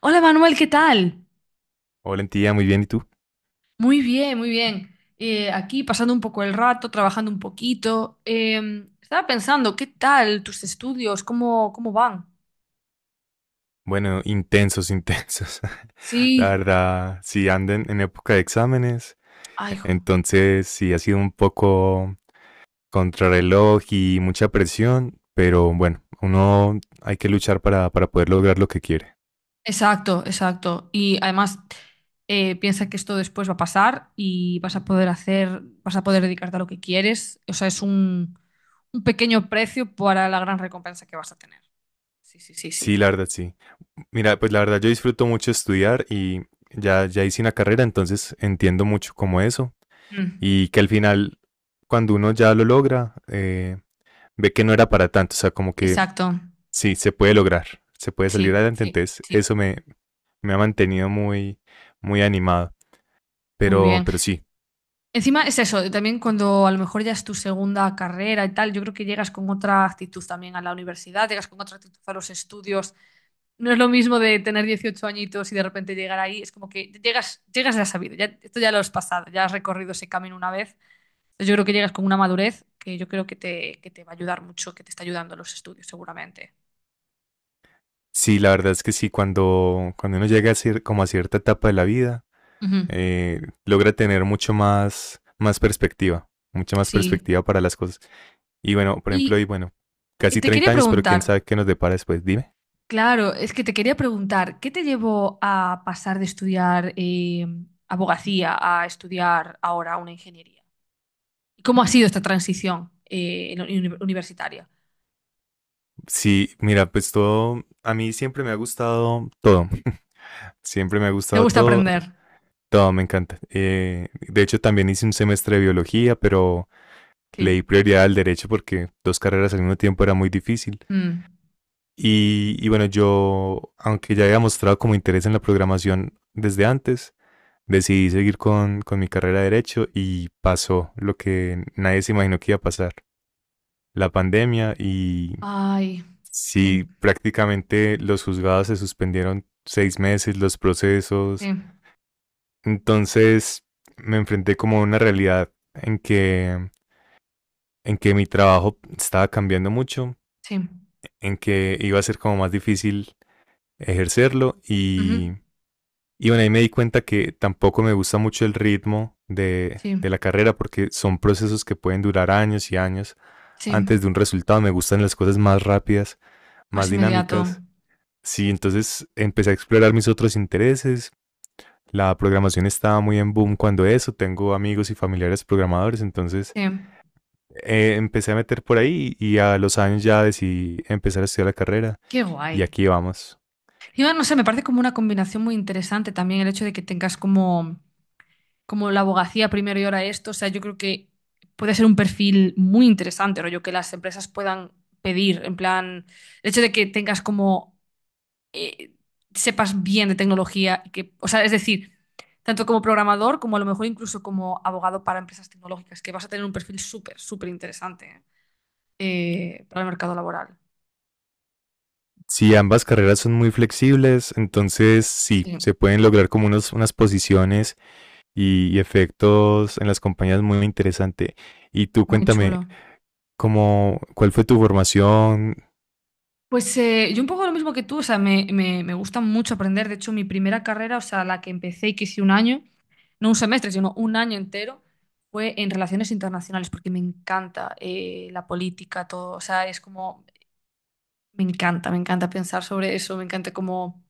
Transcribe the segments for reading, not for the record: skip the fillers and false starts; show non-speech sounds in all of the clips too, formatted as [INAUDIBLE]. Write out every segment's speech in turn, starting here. Hola Manuel, ¿qué tal? Hola, tía, muy bien, ¿y tú? Muy bien, muy bien. Aquí pasando un poco el rato, trabajando un poquito. Estaba pensando, ¿qué tal tus estudios? ¿Cómo van? Bueno, intensos, intensos. [LAUGHS] La Sí, verdad, sí anden en época de exámenes, ay, jo. entonces sí ha sido un poco contrarreloj y mucha presión, pero bueno, uno hay que luchar para poder lograr lo que quiere. Exacto, exacto. Y además, piensa que esto después va a pasar y vas a poder hacer, vas a poder dedicarte a lo que quieres. O sea, es un pequeño precio para la gran recompensa que vas a tener. Sí, sí, sí, Sí, sí. la verdad, sí. Mira, pues la verdad yo disfruto mucho estudiar y ya hice una carrera, entonces entiendo mucho como eso. Mm, Y que al final, cuando uno ya lo logra, ve que no era para tanto, o sea, como que exacto. sí, se puede lograr, se puede salir Sí, adelante, sí, entonces sí. eso me, me ha mantenido muy, muy animado, Muy bien. pero sí, Encima es eso, también cuando a lo mejor ya es tu segunda carrera y tal, yo creo que llegas con otra actitud también a la universidad, llegas con otra actitud a los estudios. No es lo mismo de tener 18 añitos y de repente llegar ahí, es como que llegas, llegas ya sabido, ya, esto ya lo has pasado, ya has recorrido ese camino una vez. Entonces yo creo que llegas con una madurez que yo creo que te va a ayudar mucho, que te está ayudando en los estudios seguramente. sí, la verdad es que sí, cuando, cuando uno llega a como a cierta etapa de la vida, Ujú, logra tener mucho más, más perspectiva, mucha más sí. perspectiva para las cosas. Y bueno, por ejemplo, y Y bueno, casi te quería 30 años, pero quién preguntar, sabe qué nos depara después, dime. claro, es que te quería preguntar, ¿qué te llevó a pasar de estudiar abogacía a estudiar ahora una ingeniería? ¿Y cómo ha sido esta transición en la universitaria? Sí, mira, pues todo, a mí siempre me ha gustado todo, [LAUGHS] siempre me ha ¿Te gustado gusta todo, aprender? todo me encanta. De hecho, también hice un semestre de biología, pero le di Sí. prioridad al derecho porque dos carreras al mismo tiempo era muy difícil. Mm. Y bueno, yo, aunque ya había mostrado como interés en la programación desde antes, decidí seguir con mi carrera de derecho y pasó lo que nadie se imaginó que iba a pasar, la pandemia y Ay, sí, sí, prácticamente los juzgados se suspendieron 6 meses, los sí, procesos. Entonces me enfrenté como a una realidad en que mi trabajo estaba cambiando mucho, sí. en que iba a ser como más difícil ejercerlo Ujú. Y bueno, ahí me di cuenta que tampoco me gusta mucho el ritmo de, Sí, de la carrera porque son procesos que pueden durar años y años sí. antes de un resultado. Me gustan las cosas más rápidas, más Más inmediato. dinámicas. Sí, entonces empecé a explorar mis otros intereses. La programación estaba muy en boom cuando eso, tengo amigos y familiares programadores, entonces Sí. Empecé a meter por ahí y a los años ya decidí empezar a estudiar la carrera Qué y guay. aquí vamos. Y no sé, me parece como una combinación muy interesante también el hecho de que tengas como como la abogacía primero y ahora esto, o sea, yo creo que puede ser un perfil muy interesante, rollo, que las empresas puedan pedir, en plan, el hecho de que tengas como, eh, sepas bien de tecnología, y que, o sea, es decir, tanto como programador como a lo mejor incluso como abogado para empresas tecnológicas, que vas a tener un perfil súper, súper interesante, ¿eh? Para el mercado laboral. Sí, ambas carreras son muy flexibles, entonces sí, Sí, se pueden lograr como unos, unas posiciones y efectos en las compañías muy interesante. Y tú muy cuéntame, chulo. ¿Cuál fue tu formación? Pues yo un poco lo mismo que tú, o sea, me gusta mucho aprender. De hecho, mi primera carrera, o sea, la que empecé y que hice un año, no un semestre, sino un año entero, fue en relaciones internacionales, porque me encanta la política, todo. O sea, es como me encanta pensar sobre eso, me encanta como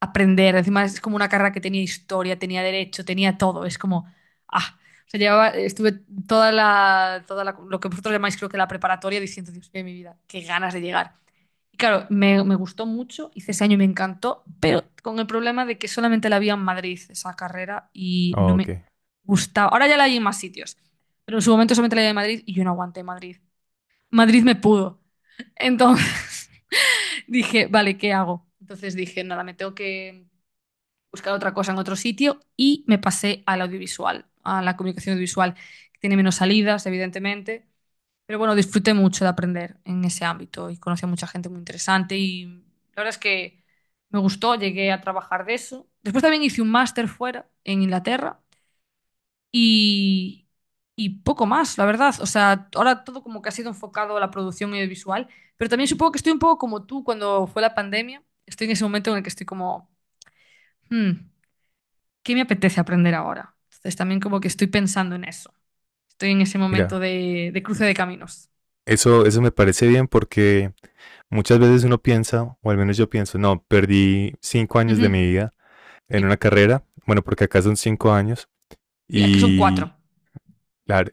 aprender. Encima es como una carrera que tenía historia, tenía derecho, tenía todo. Es como, ah, o sea, llevaba, estuve toda la, lo que vosotros llamáis creo que la preparatoria diciendo, Dios mío, mi vida, qué ganas de llegar. Y claro, me gustó mucho, hice ese año y me encantó, pero con el problema de que solamente la había en Madrid esa carrera y Oh, no ok, me gustaba. Ahora ya la hay en más sitios, pero en su momento solamente la había en Madrid y yo no aguanté Madrid. Madrid me pudo. Entonces... dije, vale, ¿qué hago? Entonces dije, nada, me tengo que buscar otra cosa en otro sitio y me pasé al audiovisual, a la comunicación audiovisual, que tiene menos salidas, evidentemente. Pero bueno, disfruté mucho de aprender en ese ámbito y conocí a mucha gente muy interesante y la verdad es que me gustó, llegué a trabajar de eso. Después también hice un máster fuera, en Inglaterra, y, y poco más, la verdad. O sea, ahora todo como que ha sido enfocado a la producción audiovisual, pero también supongo que estoy un poco como tú cuando fue la pandemia. Estoy en ese momento en el que estoy como, "Hmm, ¿qué me apetece aprender ahora? Entonces también como que estoy pensando en eso. Estoy en ese mira, momento de cruce de caminos. eso me parece bien porque muchas veces uno piensa, o al menos yo pienso, no, perdí 5 años Ujú. de mi vida en una Sí, carrera, bueno, porque acá son 5 años sí, es que son cuatro. y, la-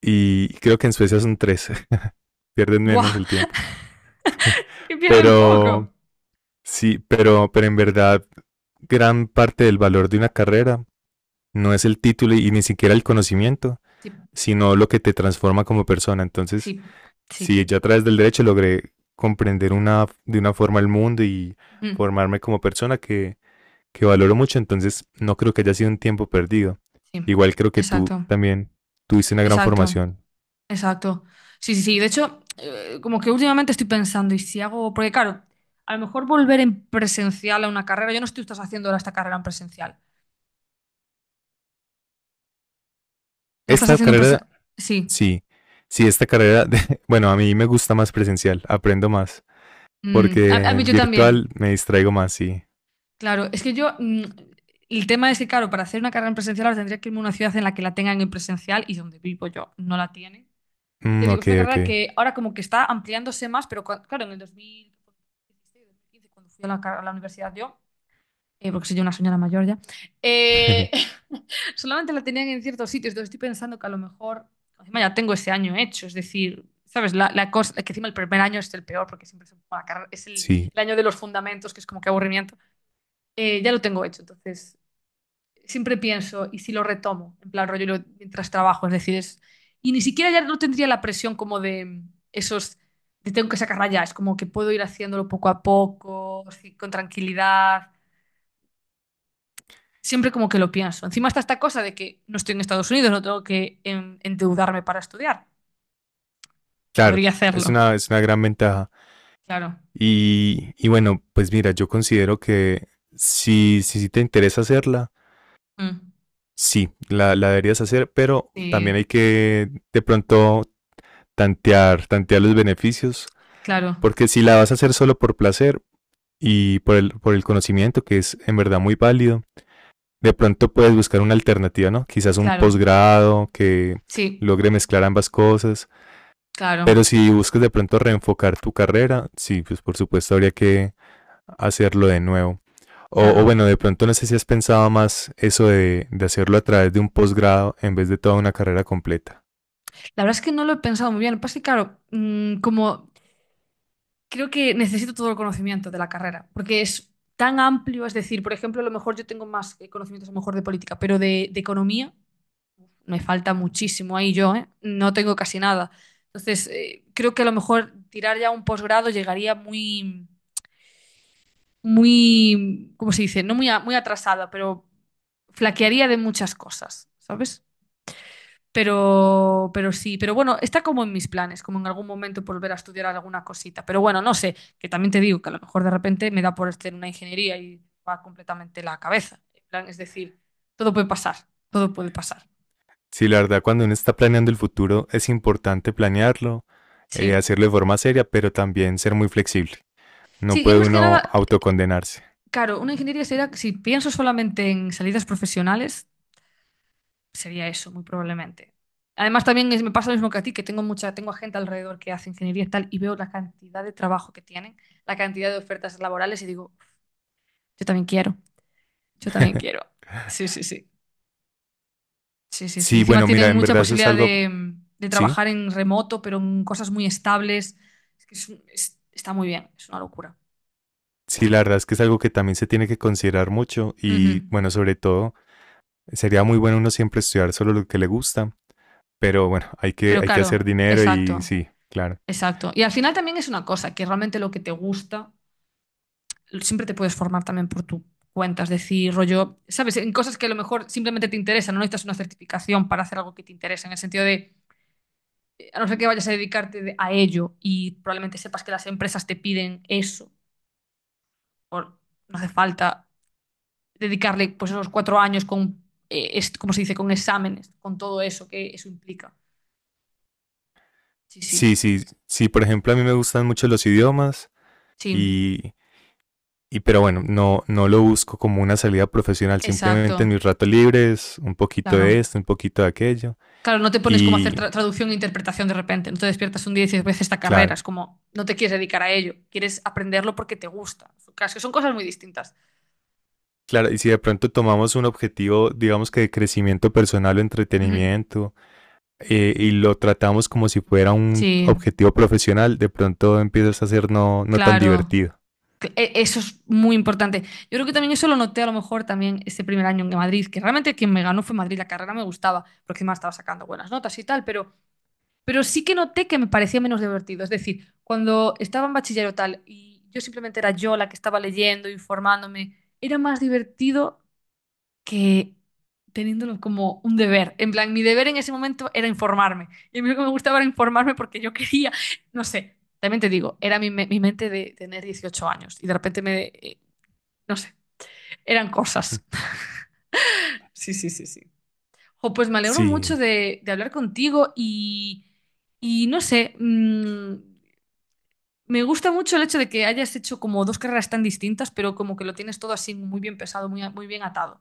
y creo que en Suecia son tres, [LAUGHS] pierden Buah, menos el tiempo. [LAUGHS] [LAUGHS] que pierden poco. Pero sí, pero en verdad, gran parte del valor de una carrera no es el título y ni siquiera el conocimiento, Sí, sino lo que te transforma como persona. Entonces, sí, sí. si yo a través del derecho logré comprender una, de una forma el mundo y Ujú. formarme como persona que valoro mucho, entonces no creo que haya sido un tiempo perdido. Sí, Igual creo que tú exacto, también tuviste una gran exacto. formación. Exacto. Sí, sí, sí. De hecho, como que últimamente estoy pensando, y si hago, porque claro, a lo mejor volver en presencial a una carrera, yo no estoy estás haciendo ahora esta carrera en presencial. ¿La estás Esta haciendo en carrera, presencial? Sí. sí, sí, esta carrera, [LAUGHS] bueno, a mí me gusta más presencial, aprendo más, Mm, a porque mí yo virtual también. me distraigo más, sí. Claro, es que yo, mm, el tema es que, claro, para hacer una carrera en presencial ahora tendría que irme a una ciudad en la que la tengan en presencial y donde vivo yo no la tienen. Ya te Mm, digo, es ok, una ok. carrera que ahora como que está ampliándose más, pero claro, en el 2016, 2015, cuando fui a la, a la universidad yo. Porque soy yo una señora mayor ya, eh, [LAUGHS] [LAUGHS] solamente la tenían en ciertos sitios, entonces estoy pensando que a lo mejor, encima ya tengo ese año hecho, es decir, ¿sabes? La cosa, que encima el primer año es el peor, porque siempre es, bueno, es Sí, el año de los fundamentos, que es como que aburrimiento, ya lo tengo hecho, entonces siempre pienso, ¿y si lo retomo? En plan rollo mientras trabajo, es decir, es, y ni siquiera ya no tendría la presión como de esos... de tengo que sacarla ya, es como que puedo ir haciéndolo poco a poco, así, con tranquilidad. Siempre como que lo pienso. Encima está esta cosa de que no estoy en Estados Unidos, no tengo que endeudarme para estudiar. claro, Podría hacerlo, es una gran ventaja. claro. Y bueno, pues mira, yo considero que si te interesa hacerla, Mm. sí, la deberías hacer, pero también Sí, hay que de pronto tantear, tantear los beneficios, claro, porque si la vas a hacer solo por placer y por el conocimiento, que es en verdad muy válido, de pronto puedes buscar una alternativa, ¿no? Quizás un claro. posgrado que Sí, logre mezclar ambas cosas, claro, pero si buscas de pronto reenfocar tu carrera, sí, pues por supuesto habría que hacerlo de nuevo. O claro. bueno, de pronto no sé si has pensado más eso de hacerlo a través de un posgrado en vez de toda una carrera completa. La verdad es que no lo he pensado muy bien. Lo que pasa es que, claro, mm, como creo que necesito todo el conocimiento de la carrera, porque es tan amplio, es decir, por ejemplo, a lo mejor yo tengo más conocimientos a lo mejor de política, pero de economía. Me falta muchísimo ahí yo, ¿eh? No tengo casi nada. Entonces, creo que a lo mejor tirar ya un posgrado llegaría muy, muy, ¿cómo se dice? No muy, muy atrasada, pero flaquearía de muchas cosas, ¿sabes? Pero sí, pero bueno, está como en mis planes, como en algún momento volver a estudiar alguna cosita. Pero bueno, no sé, que también te digo que a lo mejor de repente me da por hacer una ingeniería y va completamente la cabeza. En plan, es decir, todo puede pasar, todo puede pasar. Sí, la verdad, cuando uno está planeando el futuro es importante planearlo, Sí. hacerlo de forma seria, pero también ser muy flexible. No Sí, yo puede más que uno nada autocondenarse. claro, una ingeniería sería, si pienso solamente en salidas profesionales, sería eso, muy probablemente. Además, también me pasa lo mismo que a ti, que tengo mucha, tengo a gente alrededor que hace ingeniería y tal, y veo la cantidad de trabajo que tienen, la cantidad de ofertas laborales, y digo, yo también quiero, yo también quiero. [LAUGHS] Sí, sí, sí. Sí, sí, sí. Sí, Encima bueno, mira, tienen en mucha verdad eso es posibilidad algo, de sí, trabajar en remoto, pero en cosas muy estables. Es que es está muy bien, es una locura. sí, la verdad es que es algo que también se tiene que considerar mucho Ujú. y bueno, sobre todo, sería muy bueno uno siempre estudiar solo lo que le gusta, pero bueno, Pero hay que claro, hacer dinero exacto. y sí, claro. Exacto. Y al final también es una cosa, que realmente lo que te gusta, siempre te puedes formar también por tu cuenta, es decir, rollo, sabes, en cosas que a lo mejor simplemente te interesan, no necesitas una certificación para hacer algo que te interesa, en el sentido de, a no ser que vayas a dedicarte a ello y probablemente sepas que las empresas te piden eso, por, no hace falta dedicarle pues esos cuatro años con, ¿cómo se dice?, con exámenes, con todo eso que eso implica. Sí, sí, Sí, sí, sí, por ejemplo, a mí me gustan mucho los idiomas sí, y y pero bueno, no, no lo busco como una salida profesional, simplemente en exacto, mis ratos libres, un poquito de claro. esto, un poquito de aquello. Claro, no te pones como a Y hacer traducción e interpretación de repente, no te despiertas un día y dices, voy a hacer esta carrera, claro, es como, no te quieres dedicar a ello, quieres aprenderlo porque te gusta. Claro, es que son cosas muy distintas. claro, y si de pronto tomamos un objetivo, digamos que de crecimiento personal o Ujú. entretenimiento, y lo tratamos como si fuera un Sí, objetivo profesional, de pronto empiezas a ser no, no tan claro. divertido. Eso es muy importante. Yo creo que también eso lo noté a lo mejor también este primer año en Madrid, que realmente quien me ganó fue Madrid, la carrera me gustaba, porque encima estaba sacando buenas notas y tal, pero sí que noté que me parecía menos divertido. Es decir, cuando estaba en bachillerato tal y yo simplemente era yo la que estaba leyendo, informándome era más divertido que teniéndolo como un deber. En plan, mi deber en ese momento era informarme. Y a mí lo que me gustaba era informarme porque yo quería, no sé, también te digo, era mi mente de tener 18 años y de repente me, no sé, eran cosas. [LAUGHS] Sí, sí, sí, sí. Jo, pues me alegro mucho Sí, de hablar contigo y no sé, mm, me gusta mucho el hecho de que hayas hecho como dos carreras tan distintas, pero como que lo tienes todo así muy bien pesado, muy, muy bien atado.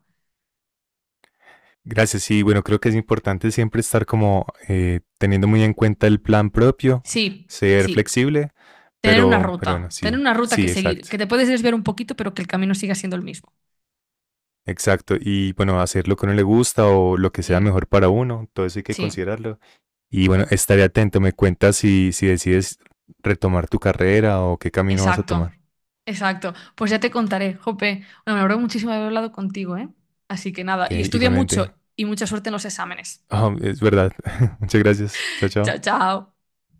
gracias. Sí, bueno, creo que es importante siempre estar como teniendo muy en cuenta el plan propio, Sí, ser sí. flexible, pero bueno, Tener sí, una ruta que sí, seguir, exacto. que te puedes desviar un poquito, pero que el camino siga siendo el mismo. Exacto, y bueno, hacer lo que a uno le gusta o lo que sea Sí, mejor para uno, todo eso hay que sí, considerarlo. Y bueno, estaré atento, me cuentas si decides retomar tu carrera o qué camino vas a exacto, tomar. exacto. Pues ya te contaré, Jope. Bueno, me alegro muchísimo de haber hablado contigo, ¿eh? Así que nada, Ok, y estudia igualmente. mucho y mucha suerte en los exámenes. Ah, es verdad. [LAUGHS] Muchas gracias. Chao, [LAUGHS] Chao, chao. chao.